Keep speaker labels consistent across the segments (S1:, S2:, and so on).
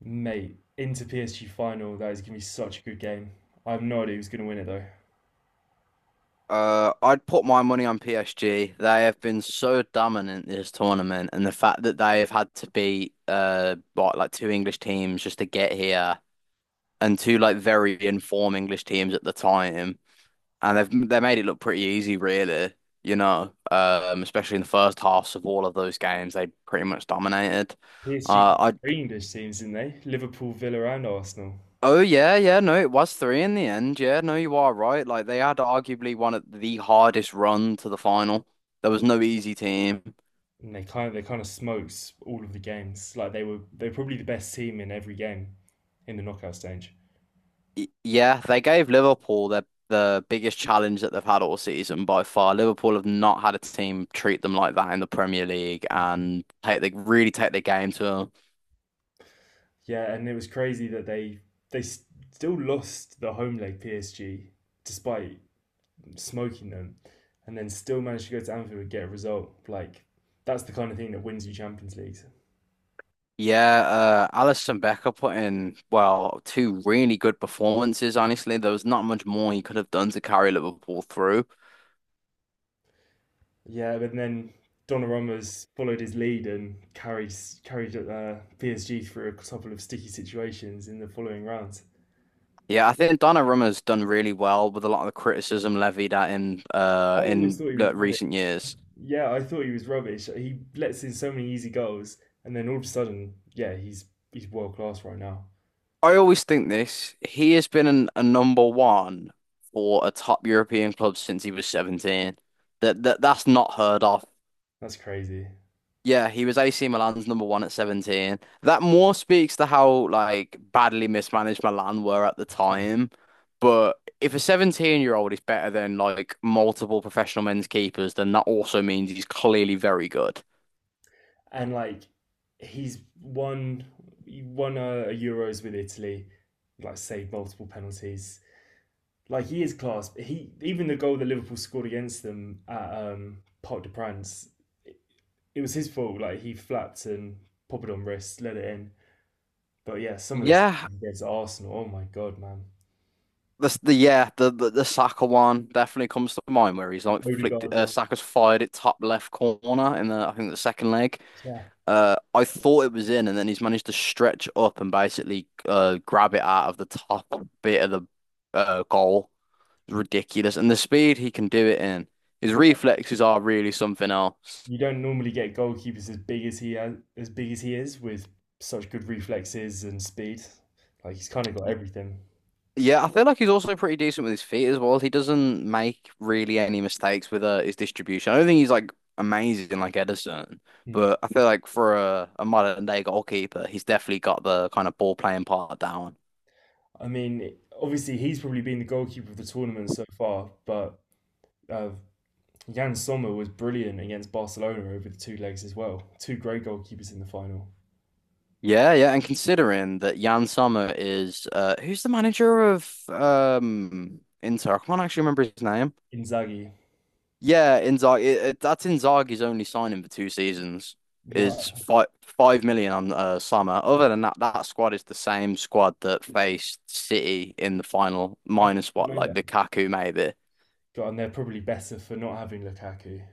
S1: Mate, Inter PSG final, that is going to be such a good game. I have no idea who's going to win it though.
S2: I'd put my money on PSG. They have been so dominant this tournament, and the fact that they have had to beat what, like two English teams just to get here, and two like very informed English teams at the time, and they made it look pretty easy, really. Especially in the first halves of all of those games, they pretty much dominated.
S1: PSG
S2: Uh,
S1: three English teams, didn't they? Liverpool, Villa, and Arsenal.
S2: Oh yeah, yeah, no, it was three in the end. Yeah, no, you are right. Like they had arguably one of the hardest run to the final. There was no easy team.
S1: And they kind of smokes all of the games. Like they were probably the best team in every game in the knockout stage.
S2: Yeah, they gave Liverpool the biggest challenge that they've had all season by far. Liverpool have not had a team treat them like that in the Premier League and take they really take the game to them.
S1: Yeah, and it was crazy that they still lost the home leg PSG despite smoking them, and then still managed to go to Anfield and get a result. Like that's the kind of thing that wins you Champions League.
S2: Yeah, Alisson Becker put in, well, two really good performances, honestly. There was not much more he could have done to carry Liverpool through.
S1: Yeah, but then Donnarumma's followed his lead and carried PSG through a couple of sticky situations in the following rounds.
S2: Yeah, I think Donnarumma's done really well with a lot of the criticism levied at him
S1: I always
S2: in
S1: thought he
S2: the
S1: was rubbish.
S2: recent years.
S1: Yeah, I thought he was rubbish. He lets in so many easy goals, and then all of a sudden, yeah, he's world class right now.
S2: I always think this, he has been a number one for a top European club since he was 17. That's not heard of.
S1: That's crazy.
S2: Yeah, he was AC Milan's number one at 17. That more speaks to how like badly mismanaged Milan were at the time. But if a 17-year-old is better than like multiple professional men's keepers, then that also means he's clearly very good.
S1: And like, he's won he won a Euros with Italy, like saved multiple penalties, like he is class. He even the goal that Liverpool scored against them at Parc de Prance, it, it was his fault. Like he flapped and popped it on wrist, let it in. But yeah, some of this
S2: Yeah,
S1: against Arsenal. Oh my god, man!
S2: the Saka one definitely comes to mind where he's like flicked
S1: Odegaard one.
S2: Saka's fired it top left corner in the I think the second leg.
S1: Yeah,
S2: I thought it was in, and then he's managed to stretch up and basically grab it out of the top bit of the goal. It's ridiculous, and the speed he can do it in. His reflexes are really something else.
S1: you don't normally get goalkeepers as big as he has, as big as he is with such good reflexes and speed. Like he's kind of got everything.
S2: Yeah, I feel like he's also pretty decent with his feet as well. He doesn't make really any mistakes with his distribution. I don't think he's like amazing like Edison,
S1: Hmm.
S2: but I feel like for a modern day goalkeeper, he's definitely got the kind of ball playing part down.
S1: I mean, obviously he's probably been the goalkeeper of the tournament so far, but uh, Jan Sommer was brilliant against Barcelona over the two legs as well. Two great goalkeepers in the final.
S2: Yeah, yeah, and considering that Jan Sommer is who's the manager of Inter? I can't actually remember his name.
S1: Inzaghi,
S2: Yeah, Inzaghi. That's Inzaghi's only signing for 2 seasons is
S1: wow,
S2: five million on Summer. Other than that, that squad is the same squad that faced City in the final,
S1: I
S2: minus what
S1: didn't
S2: like
S1: know that.
S2: Lukaku maybe.
S1: God, and they're probably better for not having Lukaku.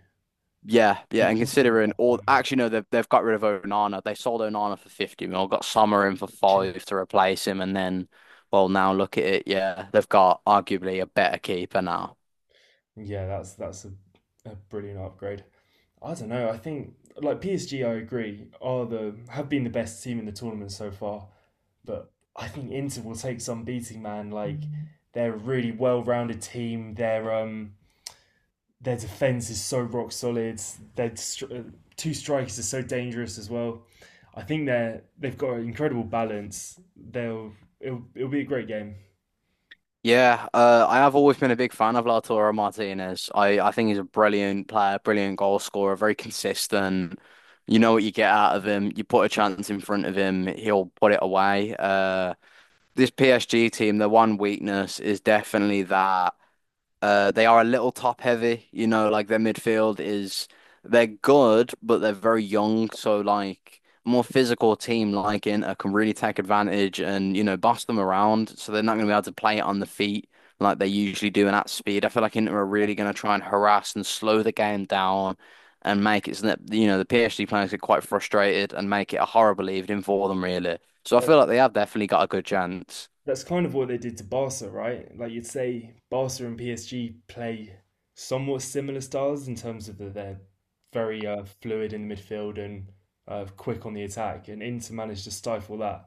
S2: Yeah, yeah.
S1: He
S2: And
S1: cost them
S2: considering
S1: that
S2: all,
S1: one.
S2: actually no, they've got rid of Onana. They sold Onana for 50 mil, got Summer in for five to replace him, and then well now look at it. Yeah, they've got arguably a better keeper now.
S1: Yeah, that's a brilliant upgrade. I don't know. I think like PSG, I agree, are the have been the best team in the tournament so far. But I think Inter will take some beating, man. Like they're a really well-rounded team. They're their defense is so rock solid. Their two strikers are so dangerous as well. I think they've got an incredible balance. They'll It'll be a great game.
S2: Yeah, I have always been a big fan of Lautaro Martinez. I think he's a brilliant player, brilliant goal scorer, very consistent. You know what you get out of him. You put a chance in front of him, he'll put it away. This PSG team, their one weakness is definitely that. They are a little top heavy, you know, like their midfield is they're good, but they're very young. So like more physical team like Inter can really take advantage and, you know, boss them around. So they're not gonna be able to play it on the feet like they usually do and at speed. I feel like Inter are really gonna try and harass and slow the game down and make it so that, you know, the PSG players get quite frustrated and make it a horrible evening for them really. So I
S1: That,
S2: feel like they have definitely got a good chance.
S1: that's kind of what they did to Barca, right? Like you'd say, Barca and PSG play somewhat similar styles in terms of they're very fluid in the midfield and quick on the attack, and Inter managed to stifle that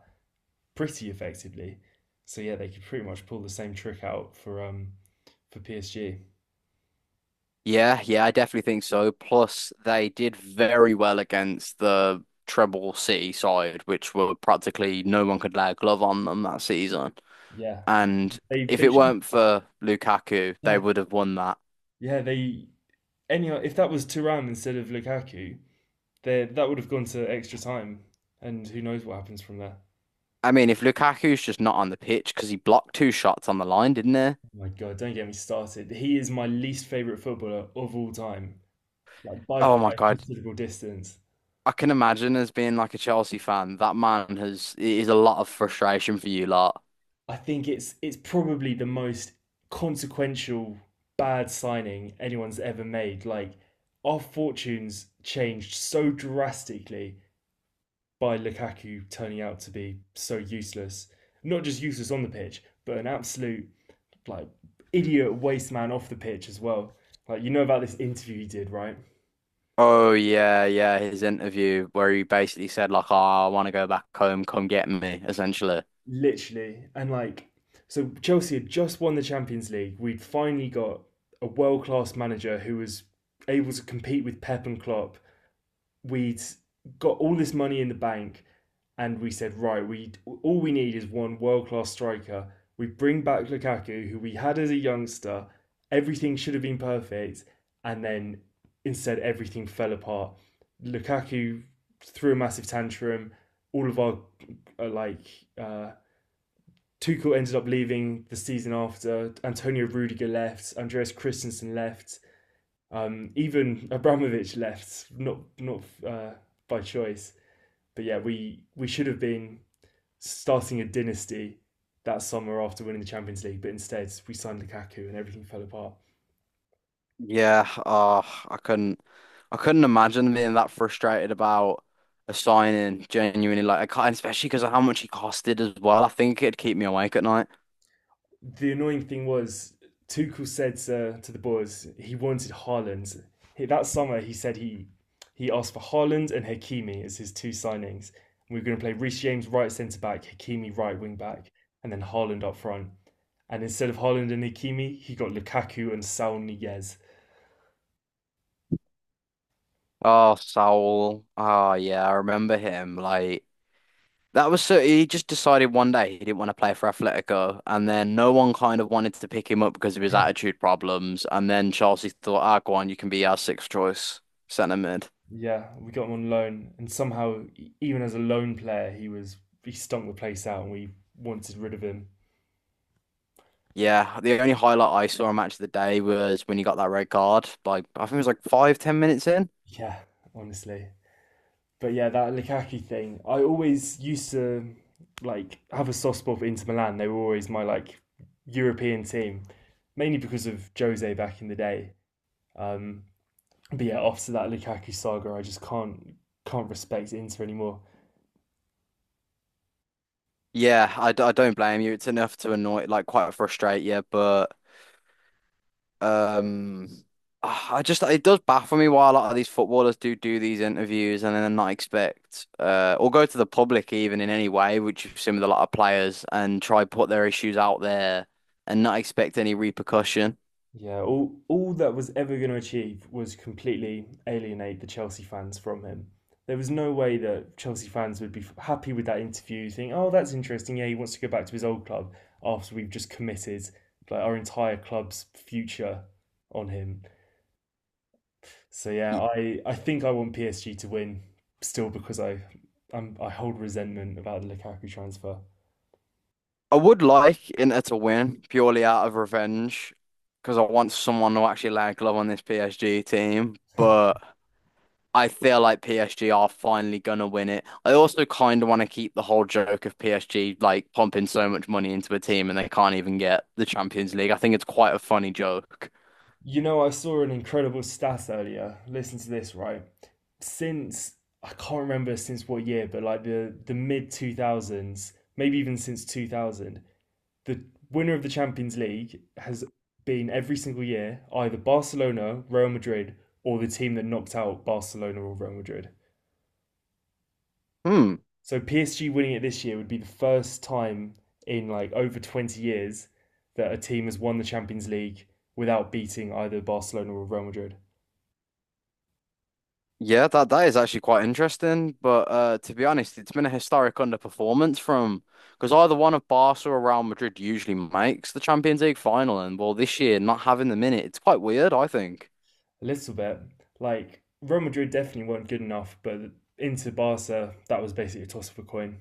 S1: pretty effectively. So yeah, they could pretty much pull the same trick out for PSG.
S2: Yeah, yeah, I definitely think so. Plus, they did very well against the Treble City side, which were practically no one could lay a glove on them that season.
S1: Yeah,
S2: And if
S1: they
S2: it
S1: should.
S2: weren't for Lukaku, they
S1: Yeah,
S2: would have won that.
S1: yeah. They anyhow. If that was Thuram instead of Lukaku, there that would have gone to extra time, and who knows what happens from there.
S2: I mean, if Lukaku's just not on the pitch because he blocked two shots on the line, didn't he?
S1: Oh my God, don't get me started. He is my least favorite footballer of all time, like by
S2: Oh my
S1: quite a
S2: God.
S1: considerable distance.
S2: I can imagine as being like a Chelsea fan, that man has it is a lot of frustration for you lot.
S1: I think it's probably the most consequential bad signing anyone's ever made. Like our fortunes changed so drastically by Lukaku turning out to be so useless. Not just useless on the pitch, but an absolute like idiot waste man off the pitch as well. Like you know about this interview he did, right?
S2: Oh yeah, yeah, his interview where he basically said like, "Oh, I want to go back home. Come get me," essentially.
S1: Literally, and like so Chelsea had just won the Champions League. We'd finally got a world class manager who was able to compete with Pep and Klopp, we'd got all this money in the bank and we said, right, we all we need is one world class striker. We bring back Lukaku, who we had as a youngster. Everything should have been perfect, and then instead everything fell apart. Lukaku threw a massive tantrum. All of our like uh, Tuchel ended up leaving the season after. Antonio Rudiger left. Andreas Christensen left. Even Abramovich left, not uh, by choice. But yeah, we should have been starting a dynasty that summer after winning the Champions League, but instead we signed Lukaku and everything fell apart.
S2: Yeah, oh, I couldn't, I couldn't imagine being that frustrated about a signing. Genuinely, like I can't, especially because of how much he costed as well. I think it'd keep me awake at night.
S1: The annoying thing was Tuchel said to the boys he wanted Haaland. That summer he said he asked for Haaland and Hakimi as his two signings. We were going to play Reece James right centre back, Hakimi right wing back, and then Haaland up front. And instead of Holland and Hakimi, he got Lukaku and Saul Niguez.
S2: Oh, Saul. Oh yeah, I remember him. Like that was so he just decided one day he didn't want to play for Atletico, and then no one kind of wanted to pick him up because of his
S1: Yeah.
S2: attitude problems. And then Chelsea thought, ah, go on, you can be our sixth choice centre mid.
S1: Yeah, we got him on loan, and somehow, even as a loan player, he stunk the place out, and we wanted rid of him.
S2: Yeah, the only highlight I saw on Match of the Day was when he got that red card. Like I think it was like five, 10 minutes in.
S1: Yeah, honestly. But yeah, that Lukaku thing, I always used to like have a soft spot for Inter Milan. They were always my like European team, mainly because of Jose back in the day. Um, but yeah, after that Lukaku saga, I just can't respect Inter anymore.
S2: Yeah, I don't blame you. It's enough to annoy, like quite frustrate you, but. Um, I just it does baffle me why a lot of these footballers do these interviews and then not expect or go to the public even in any way, which you've seen with a lot of players, and try put their issues out there and not expect any repercussion.
S1: Yeah, all that was ever going to achieve was completely alienate the Chelsea fans from him. There was no way that Chelsea fans would be happy with that interview, think, "Oh, that's interesting. Yeah, he wants to go back to his old club after we've just committed like our entire club's future on him." So yeah, I think I want PSG to win still because I hold resentment about the Lukaku transfer.
S2: I would like Inter to win purely out of revenge because I want someone to actually lay a glove on this PSG team, but. I feel like PSG are finally gonna win it. I also kind of want to keep the whole joke of PSG like pumping so much money into a team and they can't even get the Champions League. I think it's quite a funny joke.
S1: You know, I saw an incredible stat earlier. Listen to this, right? Since I can't remember since what year, but like the mid two thousands, maybe even since 2000, the winner of the Champions League has been every single year either Barcelona, Real Madrid, or the team that knocked out Barcelona or Real Madrid.
S2: Hmm.
S1: So PSG winning it this year would be the first time in like over 20 years that a team has won the Champions League without beating either Barcelona or Real Madrid.
S2: Yeah, that that is actually quite interesting. But to be honest, it's been a historic underperformance from because either one of Barca or Real Madrid usually makes the Champions League final, and well, this year not having them in it, it's quite weird, I think.
S1: A little bit. Like Real Madrid definitely weren't good enough, but into Barca, that was basically a toss of a coin.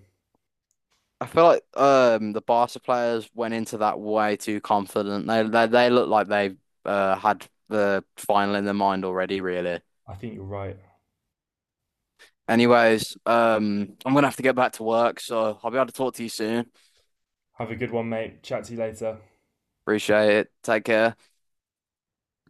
S2: I feel like the Barca players went into that way too confident. They look like they had the final in their mind already, really.
S1: I think you're right.
S2: Anyways, I'm gonna have to get back to work, so I'll be able to talk to you soon.
S1: Have a good one, mate. Chat to you later.
S2: Appreciate it. Take care.